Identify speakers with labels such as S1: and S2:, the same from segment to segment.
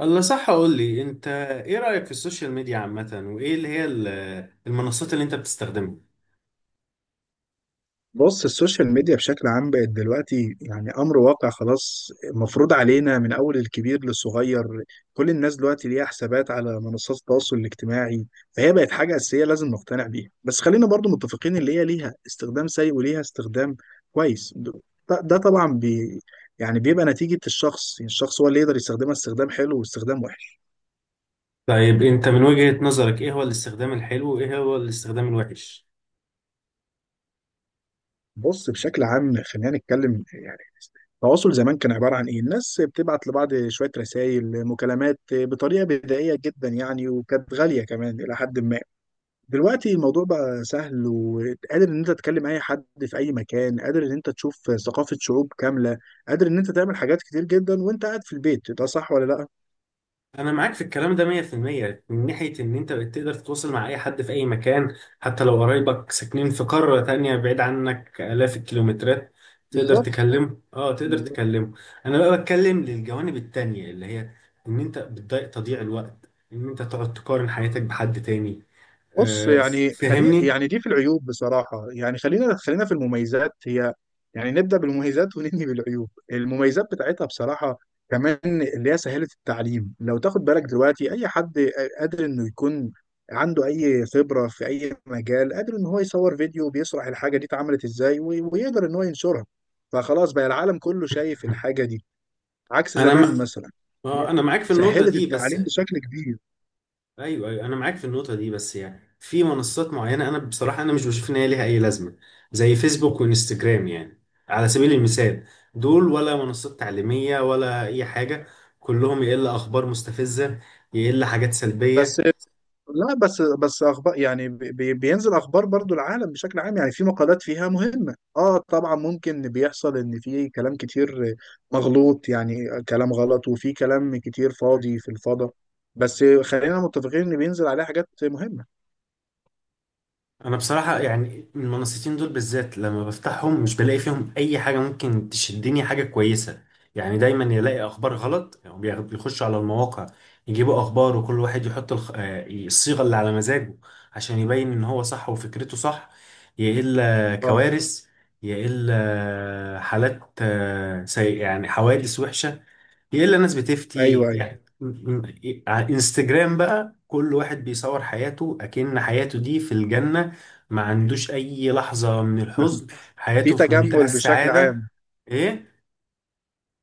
S1: الله، صح، اقول لي انت. ايه رأيك في السوشيال ميديا عامة وايه اللي هي المنصات اللي انت بتستخدمها؟
S2: بص، السوشيال ميديا بشكل عام بقت دلوقتي يعني أمر واقع خلاص، مفروض علينا من أول الكبير للصغير. كل الناس دلوقتي ليها حسابات على منصات التواصل الاجتماعي، فهي بقت حاجة أساسية لازم نقتنع بيها. بس خلينا برضو متفقين اللي هي ليها استخدام سيء وليها استخدام كويس. ده ده طبعا بي يعني بيبقى نتيجة الشخص، يعني الشخص هو اللي يقدر يستخدمها استخدام حلو واستخدام وحش.
S1: طيب انت من وجهة نظرك ايه هو الاستخدام الحلو وايه هو الاستخدام الوحش؟
S2: بص بشكل عام خلينا نتكلم، يعني التواصل زمان كان عبارة عن إيه؟ الناس بتبعت لبعض شوية رسائل مكالمات بطريقة بدائية جدا يعني، وكانت غالية كمان إلى حد ما. دلوقتي الموضوع بقى سهل، وقادر إن أنت تكلم أي حد في أي مكان، قادر إن أنت تشوف ثقافة شعوب كاملة، قادر إن أنت تعمل حاجات كتير جدا وأنت قاعد في البيت. ده صح ولا لأ؟
S1: انا معاك في الكلام ده 100% من ناحية ان انت بقيت تقدر تتواصل مع اي حد في اي مكان، حتى لو قرايبك ساكنين في قارة تانية بعيد عنك آلاف الكيلومترات. تقدر
S2: بالظبط،
S1: تكلمه، تقدر
S2: بالظبط.
S1: تكلمه. انا بقى بتكلم للجوانب التانية اللي هي ان انت بتضيع تضييع الوقت ان انت تقعد تقارن حياتك بحد تاني.
S2: بص
S1: آه،
S2: يعني خلي
S1: فهمني.
S2: يعني دي في العيوب بصراحة، يعني خلينا في المميزات. هي يعني نبدأ بالمميزات وننهي بالعيوب. المميزات بتاعتها بصراحة كمان اللي هي سهلة التعليم. لو تاخد بالك دلوقتي أي حد قادر إنه يكون عنده أي خبرة في أي مجال، قادر إن هو يصور فيديو بيشرح الحاجة دي اتعملت إزاي، ويقدر إن هو ينشرها. فخلاص بقى العالم كله شايف الحاجة دي، عكس
S1: انا
S2: زمان
S1: م...
S2: مثلا. هي
S1: آه، انا معاك في النقطه
S2: سهلت
S1: دي، بس
S2: التعليم بشكل كبير.
S1: ايوه، ايوه، انا معاك في النقطه دي بس يعني في منصات معينه، انا بصراحه انا مش بشوف ان هي ليها اي لازمه، زي فيسبوك وانستجرام يعني، على سبيل المثال. دول ولا منصات تعليميه ولا اي حاجه، كلهم يقل اخبار مستفزه، يقل حاجات
S2: بس
S1: سلبيه.
S2: لا، بس بس اخبار يعني بينزل اخبار برضو العالم بشكل عام. يعني في مقالات فيها مهمة، اه طبعا ممكن بيحصل ان في كلام كتير مغلوط، يعني كلام غلط، وفي كلام كتير فاضي في الفضاء. بس خلينا متفقين ان بينزل عليها حاجات مهمة.
S1: انا بصراحة يعني المنصتين دول بالذات لما بفتحهم مش بلاقي فيهم اي حاجة ممكن تشدني، حاجة كويسة. يعني دايما يلاقي اخبار غلط، يعني بيخشوا على المواقع، يجيبوا اخبار وكل واحد يحط الخ... آه، الصيغة اللي على مزاجه عشان يبين ان هو صح وفكرته صح. يا الا
S2: اه،
S1: كوارث، يا الا حالات سيئة، يعني حوادث وحشة. يلا الناس بتفتي،
S2: ايوه ايوه.
S1: يعني على انستجرام بقى كل واحد بيصور حياته أكن حياته دي في الجنة، ما عندوش أي لحظة من الحزن،
S2: في
S1: حياته في منتهى
S2: تجمل بشكل
S1: السعادة.
S2: عام.
S1: إيه.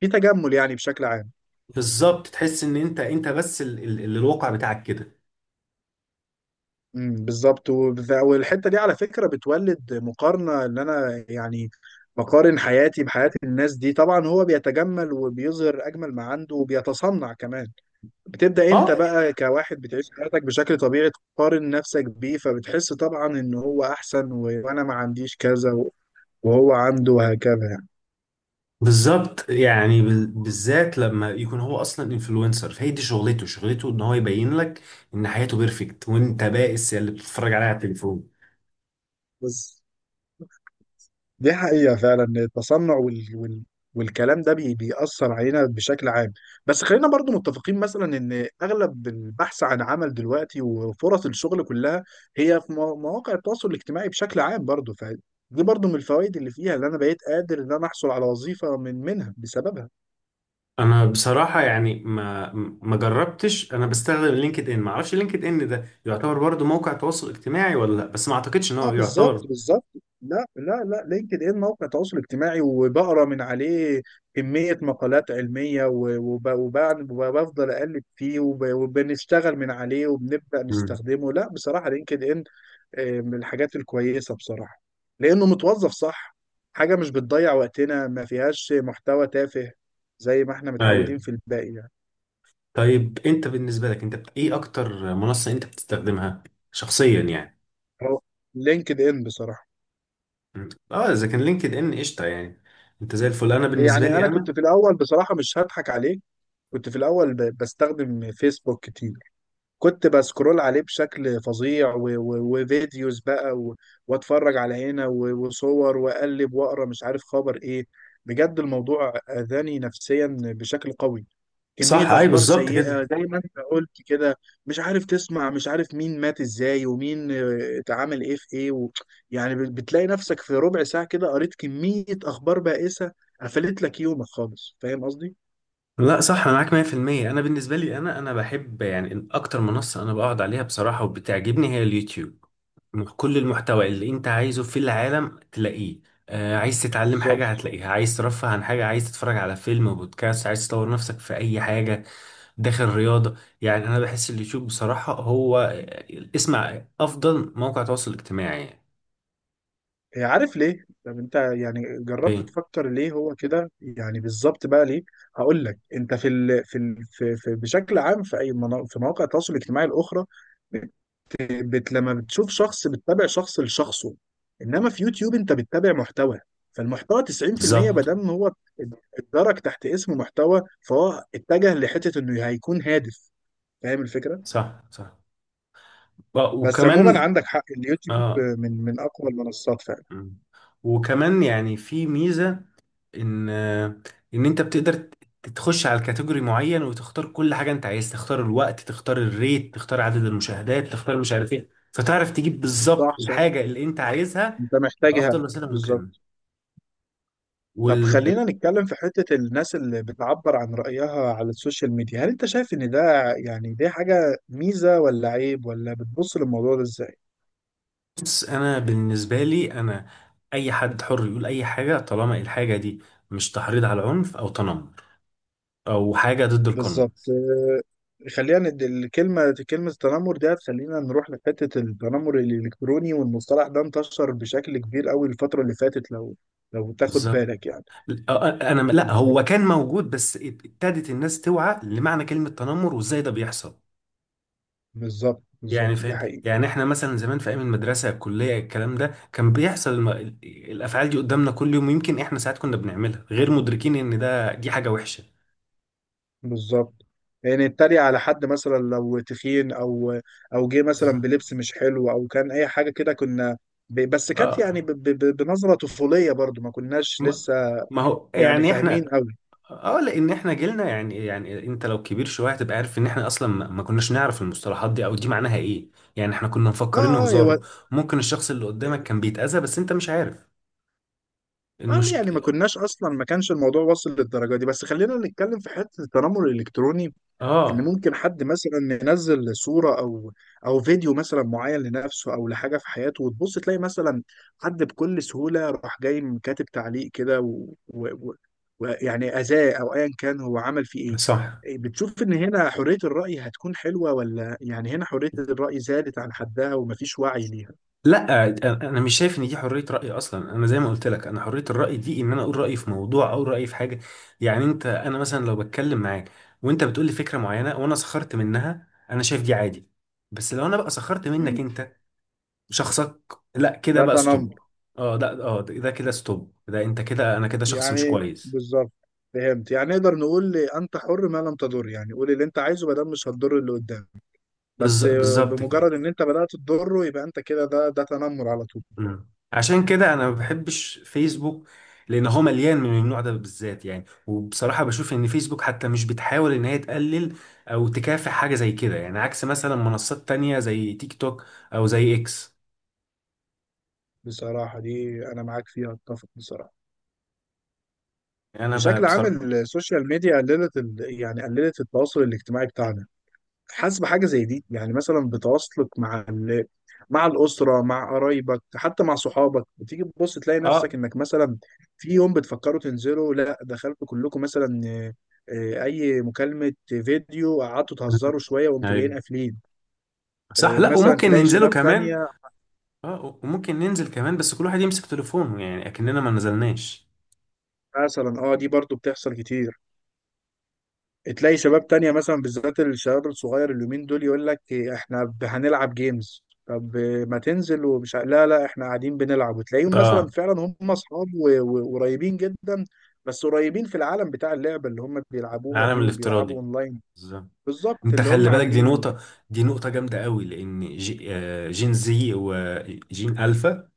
S2: في تجمل يعني بشكل عام.
S1: بالظبط، تحس إن أنت بس اللي الواقع بتاعك كده.
S2: بالظبط. والحته دي على فكره بتولد مقارنه ان انا يعني بقارن حياتي بحياه الناس دي. طبعا هو بيتجمل وبيظهر اجمل ما عنده وبيتصنع كمان. بتبدا انت
S1: أه،
S2: بقى كواحد بتعيش حياتك بشكل طبيعي، تقارن نفسك بيه، فبتحس طبعا ان هو احسن وانا ما عنديش كذا وهو عنده، وهكذا يعني.
S1: بالظبط. يعني بالذات لما يكون هو اصلا انفلونسر، فهي دي شغلته ان هو يبين لك ان حياته بيرفكت وانت بائس، يا اللي بتتفرج عليها على التليفون.
S2: بس دي حقيقة فعلا إن التصنع والكلام ده بيأثر علينا بشكل عام. بس خلينا برضو متفقين مثلا إن أغلب البحث عن عمل دلوقتي وفرص الشغل كلها هي في مواقع التواصل الاجتماعي بشكل عام برضو. فدي برضو من الفوائد اللي فيها، اللي أنا بقيت قادر إن أنا أحصل على وظيفة من منها بسببها.
S1: انا بصراحه يعني ما جربتش. انا بستخدم لينكد ان، ما اعرفش لينكد ان ده يعتبر برضو موقع تواصل اجتماعي ولا لا، بس ما اعتقدش ان
S2: اه
S1: هو
S2: بالظبط
S1: يعتبر.
S2: بالظبط. لا لا لا، لينكد ان موقع تواصل اجتماعي، وبقرا من عليه كمية مقالات علمية وبفضل اقلب فيه وبنشتغل من عليه وبنبدأ
S1: امم
S2: نستخدمه. لا بصراحة لينكد ان آه، من الحاجات الكويسة بصراحة، لانه متوظف صح. حاجة مش بتضيع وقتنا، ما فيهاش محتوى تافه زي ما احنا متعودين
S1: ايوه.
S2: في الباقي يعني.
S1: طيب انت بالنسبه لك، انت ايه اكتر منصه انت بتستخدمها شخصيا يعني؟
S2: هو لينكد ان بصراحة.
S1: مم. اه اذا كان لينكد ان قشطه يعني، انت زي الفل. انا بالنسبه
S2: يعني
S1: لي
S2: انا
S1: انا
S2: كنت في الاول، بصراحة مش هضحك عليك، كنت في الأول بستخدم فيسبوك كتير. كنت بسكرول عليه بشكل فظيع وفيديوز بقى واتفرج على هنا وصور، واقلب واقرا مش عارف خبر ايه. بجد الموضوع اذاني نفسيا بشكل قوي. كمية
S1: صح، اي،
S2: اخبار
S1: بالظبط
S2: سيئة
S1: كده.
S2: زي ما انت قلت كده، مش عارف تسمع مش عارف مين مات ازاي، ومين آه، اتعامل ايه في ايه يعني بتلاقي نفسك في ربع ساعة كده قريت كمية اخبار بائسة قفلت لك يومك خالص. فاهم قصدي؟
S1: لا، صح، انا معاك 100%. انا بالنسبه لي انا بحب يعني اكتر منصه انا بقعد عليها بصراحه وبتعجبني، هي اليوتيوب. كل المحتوى اللي انت عايزه في العالم تلاقيه. عايز تتعلم حاجة
S2: بالظبط.
S1: هتلاقيها، عايز ترفه عن حاجة، عايز تتفرج على فيلم، بودكاست، عايز تطور نفسك في أي حاجة، داخل رياضة. يعني أنا بحس اليوتيوب بصراحة هو اسمع أفضل موقع تواصل اجتماعي يعني.
S2: هي عارف ليه؟ طب انت يعني جربت
S1: ليه؟
S2: تفكر ليه هو كده؟ يعني بالظبط بقى ليه؟ هقول لك. انت في في بشكل عام في في مواقع التواصل الاجتماعي الاخرى لما بتشوف شخص بتتابع شخص لشخصه، انما في يوتيوب انت بتتابع محتوى. فالمحتوى 90% ما
S1: بالظبط.
S2: دام هو اتدرج تحت اسم محتوى، فهو اتجه لحته انه هيكون هادف. فاهم الفكره؟
S1: صح، صح.
S2: بس
S1: وكمان.
S2: عموما عندك حق، اليوتيوب
S1: اه
S2: من اقوى المنصات فعلا.
S1: م. وكمان يعني في ميزة ان ان انت بتقدر تخش على الكاتيجوري معين وتختار كل حاجه انت عايز، تختار الوقت، تختار الريت، تختار عدد المشاهدات، تختار مش عارف ايه، فتعرف تجيب بالظبط
S2: صح صح،
S1: الحاجه اللي انت عايزها
S2: انت محتاجها
S1: بافضل وسيله ممكنه.
S2: بالظبط. طب
S1: وال
S2: خلينا نتكلم في حتة الناس اللي بتعبر عن رأيها على السوشيال ميديا، هل انت شايف ان ده يعني دي حاجة ميزة ولا عيب؟ ولا بتبص للموضوع ده ازاي؟
S1: بص، انا بالنسبه لي انا، اي حد حر يقول اي حاجه طالما الحاجه دي مش تحريض على عنف او تنمر او حاجه ضد القانون.
S2: بالظبط آه، خلينا الكلمة كلمة التنمر دي، خلينا نروح لحتة التنمر الإلكتروني، والمصطلح ده انتشر بشكل كبير قوي الفترة اللي فاتت لو لو تاخد
S1: بالظبط.
S2: بالك يعني.
S1: أ- انا، لا
S2: ال-
S1: هو كان موجود، بس ابتدت الناس توعى لمعنى كلمه تنمر وازاي ده بيحصل.
S2: بالظبط
S1: يعني
S2: بالظبط، دي
S1: فاهم.
S2: حقيقة.
S1: يعني احنا مثلا زمان في ايام المدرسه، الكليه، الكلام ده كان بيحصل. الافعال دي قدامنا كل يوم، ويمكن احنا ساعات كنا بنعملها غير مدركين ان دي حاجه وحشه.
S2: بالظبط، يعني اتريق على حد مثلا لو تخين، او او جه مثلا
S1: بالظبط.
S2: بلبس مش حلو، او كان اي حاجه كده، كنا بس كانت يعني
S1: اه
S2: بنظره طفوليه برضو، ما كناش
S1: ما
S2: لسه
S1: ما هو
S2: يعني
S1: يعني
S2: فاهمين
S1: احنا.
S2: قوي.
S1: اه لان احنا جيلنا يعني، انت لو كبير شويه هتبقى عارف ان احنا اصلا ما كناش نعرف المصطلحات دي او دي معناها ايه. يعني احنا كنا
S2: اه
S1: مفكرين
S2: اه
S1: هزار. ممكن الشخص اللي قدامك كان بيتأذى بس انت مش عارف
S2: اه يعني ما
S1: المشكله.
S2: كناش اصلا، ما كانش الموضوع واصل للدرجه دي. بس خلينا نتكلم في حته التنمر الالكتروني، ان
S1: اه
S2: ممكن حد مثلا ينزل صوره او او فيديو مثلا معين لنفسه، او لحاجه في حياته، وتبص تلاقي مثلا حد بكل سهوله راح جاي كاتب تعليق كده ويعني اذاه، او ايا كان هو عمل فيه.
S1: صح.
S2: ايه بتشوف؟ ان هنا حريه الراي هتكون حلوه، ولا يعني هنا حريه الراي زادت عن حدها ومفيش وعي ليها؟
S1: لا، انا مش شايف ان دي حريه راي اصلا. انا زي ما قلت لك، انا حريه الراي دي ان انا اقول رايي في موضوع او رايي في حاجه. يعني انت، انا مثلا لو بتكلم معاك وانت بتقول لي فكره معينه وانا سخرت منها، انا شايف دي عادي. بس لو انا بقى سخرت منك
S2: مم.
S1: انت، شخصك، لا كده
S2: ده
S1: بقى
S2: تنمر،
S1: ستوب. اه ده، ده كده ستوب. ده انت كده، انا كده شخص مش
S2: يعني
S1: كويس.
S2: بالظبط. فهمت؟ يعني نقدر نقول انت حر ما لم تضر، يعني قول اللي انت عايزه ما دام مش هتضر اللي قدامك. بس
S1: بالظبط كده.
S2: بمجرد ان انت بدأت تضره، يبقى انت كده ده ده تنمر على طول.
S1: عشان كده انا ما بحبش فيسبوك، لان هو مليان من النوع ده بالذات يعني. وبصراحه بشوف ان فيسبوك حتى مش بتحاول ان هي تقلل او تكافح حاجه زي كده، يعني عكس مثلا منصات تانية زي تيك توك او زي اكس.
S2: بصراحة دي انا معاك فيها، اتفق بصراحة.
S1: يعني انا
S2: بشكل عام
S1: بصراحه.
S2: السوشيال ميديا قللت يعني قللت التواصل الاجتماعي بتاعنا. حاسس بحاجة زي دي يعني، مثلا بتواصلك مع مع الأسرة، مع قرايبك، حتى مع صحابك. بتيجي تبص تلاقي
S1: اه
S2: نفسك انك مثلا في يوم بتفكروا تنزلوا لا، دخلتوا كلكم مثلا آه، آه، اي مكالمة فيديو، قعدتوا
S1: مم.
S2: تهزروا شوية وانتوا جايين
S1: ايوه،
S2: قافلين.
S1: صح.
S2: آه،
S1: لا،
S2: مثلا
S1: وممكن
S2: تلاقي
S1: ننزله
S2: شباب
S1: كمان.
S2: تانية.
S1: اه، وممكن ننزل كمان بس كل واحد يمسك تليفونه يعني اكننا ما نزلناش.
S2: مثلا اه دي برضو بتحصل كتير، تلاقي شباب تانية مثلا، بالذات الشباب الصغير اليومين دول، يقول لك إيه، احنا هنلعب جيمز. طب ما تنزل؟ ومش لا لا احنا قاعدين بنلعب. وتلاقيهم مثلا
S1: اه.
S2: فعلا هم اصحاب وقريبين جدا، بس قريبين في العالم بتاع اللعبة اللي هم بيلعبوها
S1: العالم
S2: دي، وبيلعبوا
S1: الافتراضي،
S2: اونلاين.
S1: بالظبط.
S2: بالظبط
S1: انت
S2: اللي هم
S1: خلي بالك، دي
S2: عاملينه
S1: نقطة.
S2: دي.
S1: دي نقطة جامدة قوي، لان جي آه، جين زي وجين الفا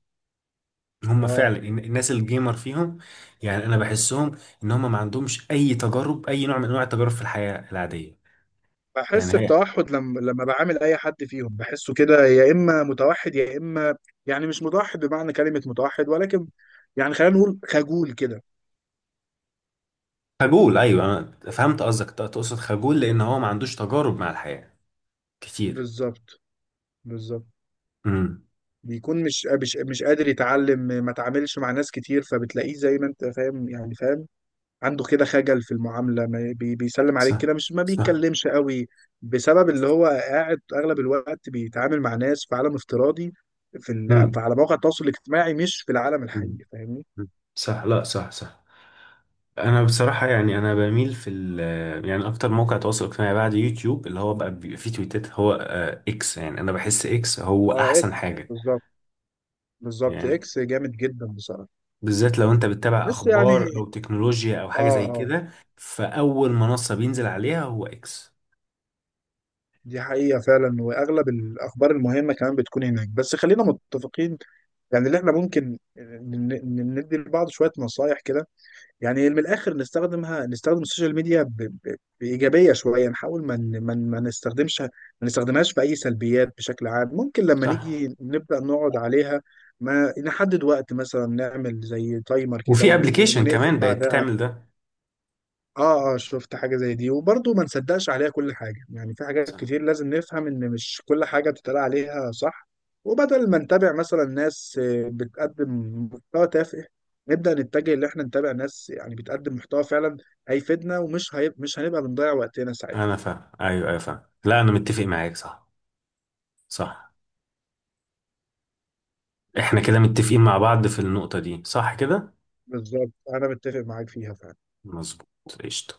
S1: هم
S2: اه
S1: فعلا الناس الجيمر فيهم. يعني انا بحسهم ان هم ما عندهمش اي تجارب، اي نوع من انواع التجارب في الحياة العادية. يعني
S2: بحس
S1: هي.
S2: بتوحد، لما بعامل اي حد فيهم بحسه كده، يا اما متوحد يا اما يعني مش متوحد بمعنى كلمة متوحد، ولكن يعني خلينا نقول خجول كده.
S1: خجول، ايوه، انا فهمت قصدك. تقصد خجول لان هو ما عندوش تجارب مع الحياة كتير.
S2: بالظبط بالظبط.
S1: امم
S2: بيكون مش قادر يتعلم، ما تعاملش مع ناس كتير، فبتلاقيه زي ما انت فاهم يعني فاهم، عنده كده خجل في المعاملة، ما بي بيسلم عليك
S1: صح،
S2: كده مش ما
S1: صح.
S2: بيتكلمش قوي، بسبب اللي هو قاعد اغلب الوقت بيتعامل مع ناس في عالم افتراضي،
S1: امم
S2: على مواقع التواصل الاجتماعي مش في العالم الحقيقي.
S1: امم.
S2: فاهمني؟
S1: صح، لا، صح، صح. انا بصراحه يعني انا بميل في يعني اكتر موقع تواصل اجتماعي بعد يوتيوب اللي هو بقى بيبقى فيه تويتات، هو اكس. يعني انا بحس اكس هو
S2: اه اكس،
S1: احسن حاجه.
S2: بالظبط بالظبط.
S1: يعني
S2: اكس جامد جدا بصراحة.
S1: بالذات لو انت بتتابع
S2: بس يعني
S1: اخبار او تكنولوجيا او
S2: اه
S1: حاجه زي
S2: اه
S1: كده، فاول منصه بينزل عليها هو اكس.
S2: دي حقيقة فعلا، وأغلب الأخبار المهمة كمان بتكون هناك. بس خلينا متفقين يعني، اللي احنا ممكن ندي لبعض شوية نصايح كده، يعني من الآخر نستخدمها، نستخدم السوشيال ميديا بإيجابية شوية، نحاول ما نستخدمش ما نستخدمهاش في أي سلبيات بشكل عام. ممكن لما
S1: صح.
S2: نيجي نبدأ نقعد عليها ما نحدد وقت، مثلا نعمل زي تايمر كده
S1: وفي ابلكيشن
S2: ونقفل
S1: كمان بقت
S2: بعدها.
S1: بتعمل ده.
S2: اه اه شفت حاجة زي دي. وبرضه ما نصدقش عليها كل حاجة، يعني في حاجات
S1: صح،
S2: كتير لازم نفهم ان مش كل حاجة بتتقال عليها صح. وبدل ما نتابع مثلا ناس آه، بتقدم محتوى تافه، نبدأ نتجه ان احنا نتابع ناس يعني بتقدم محتوى فعلا هيفيدنا، ومش مش هنبقى بنضيع وقتنا ساعتها.
S1: انا فاهم، ايوه، ايوه، فاهم. لا، انا متفق معاك. صح، صح. احنا كده متفقين مع بعض في النقطه دي، صح كده.
S2: بالظبط انا متفق معاك فيها فعلا.
S1: مظبوط. قشطه.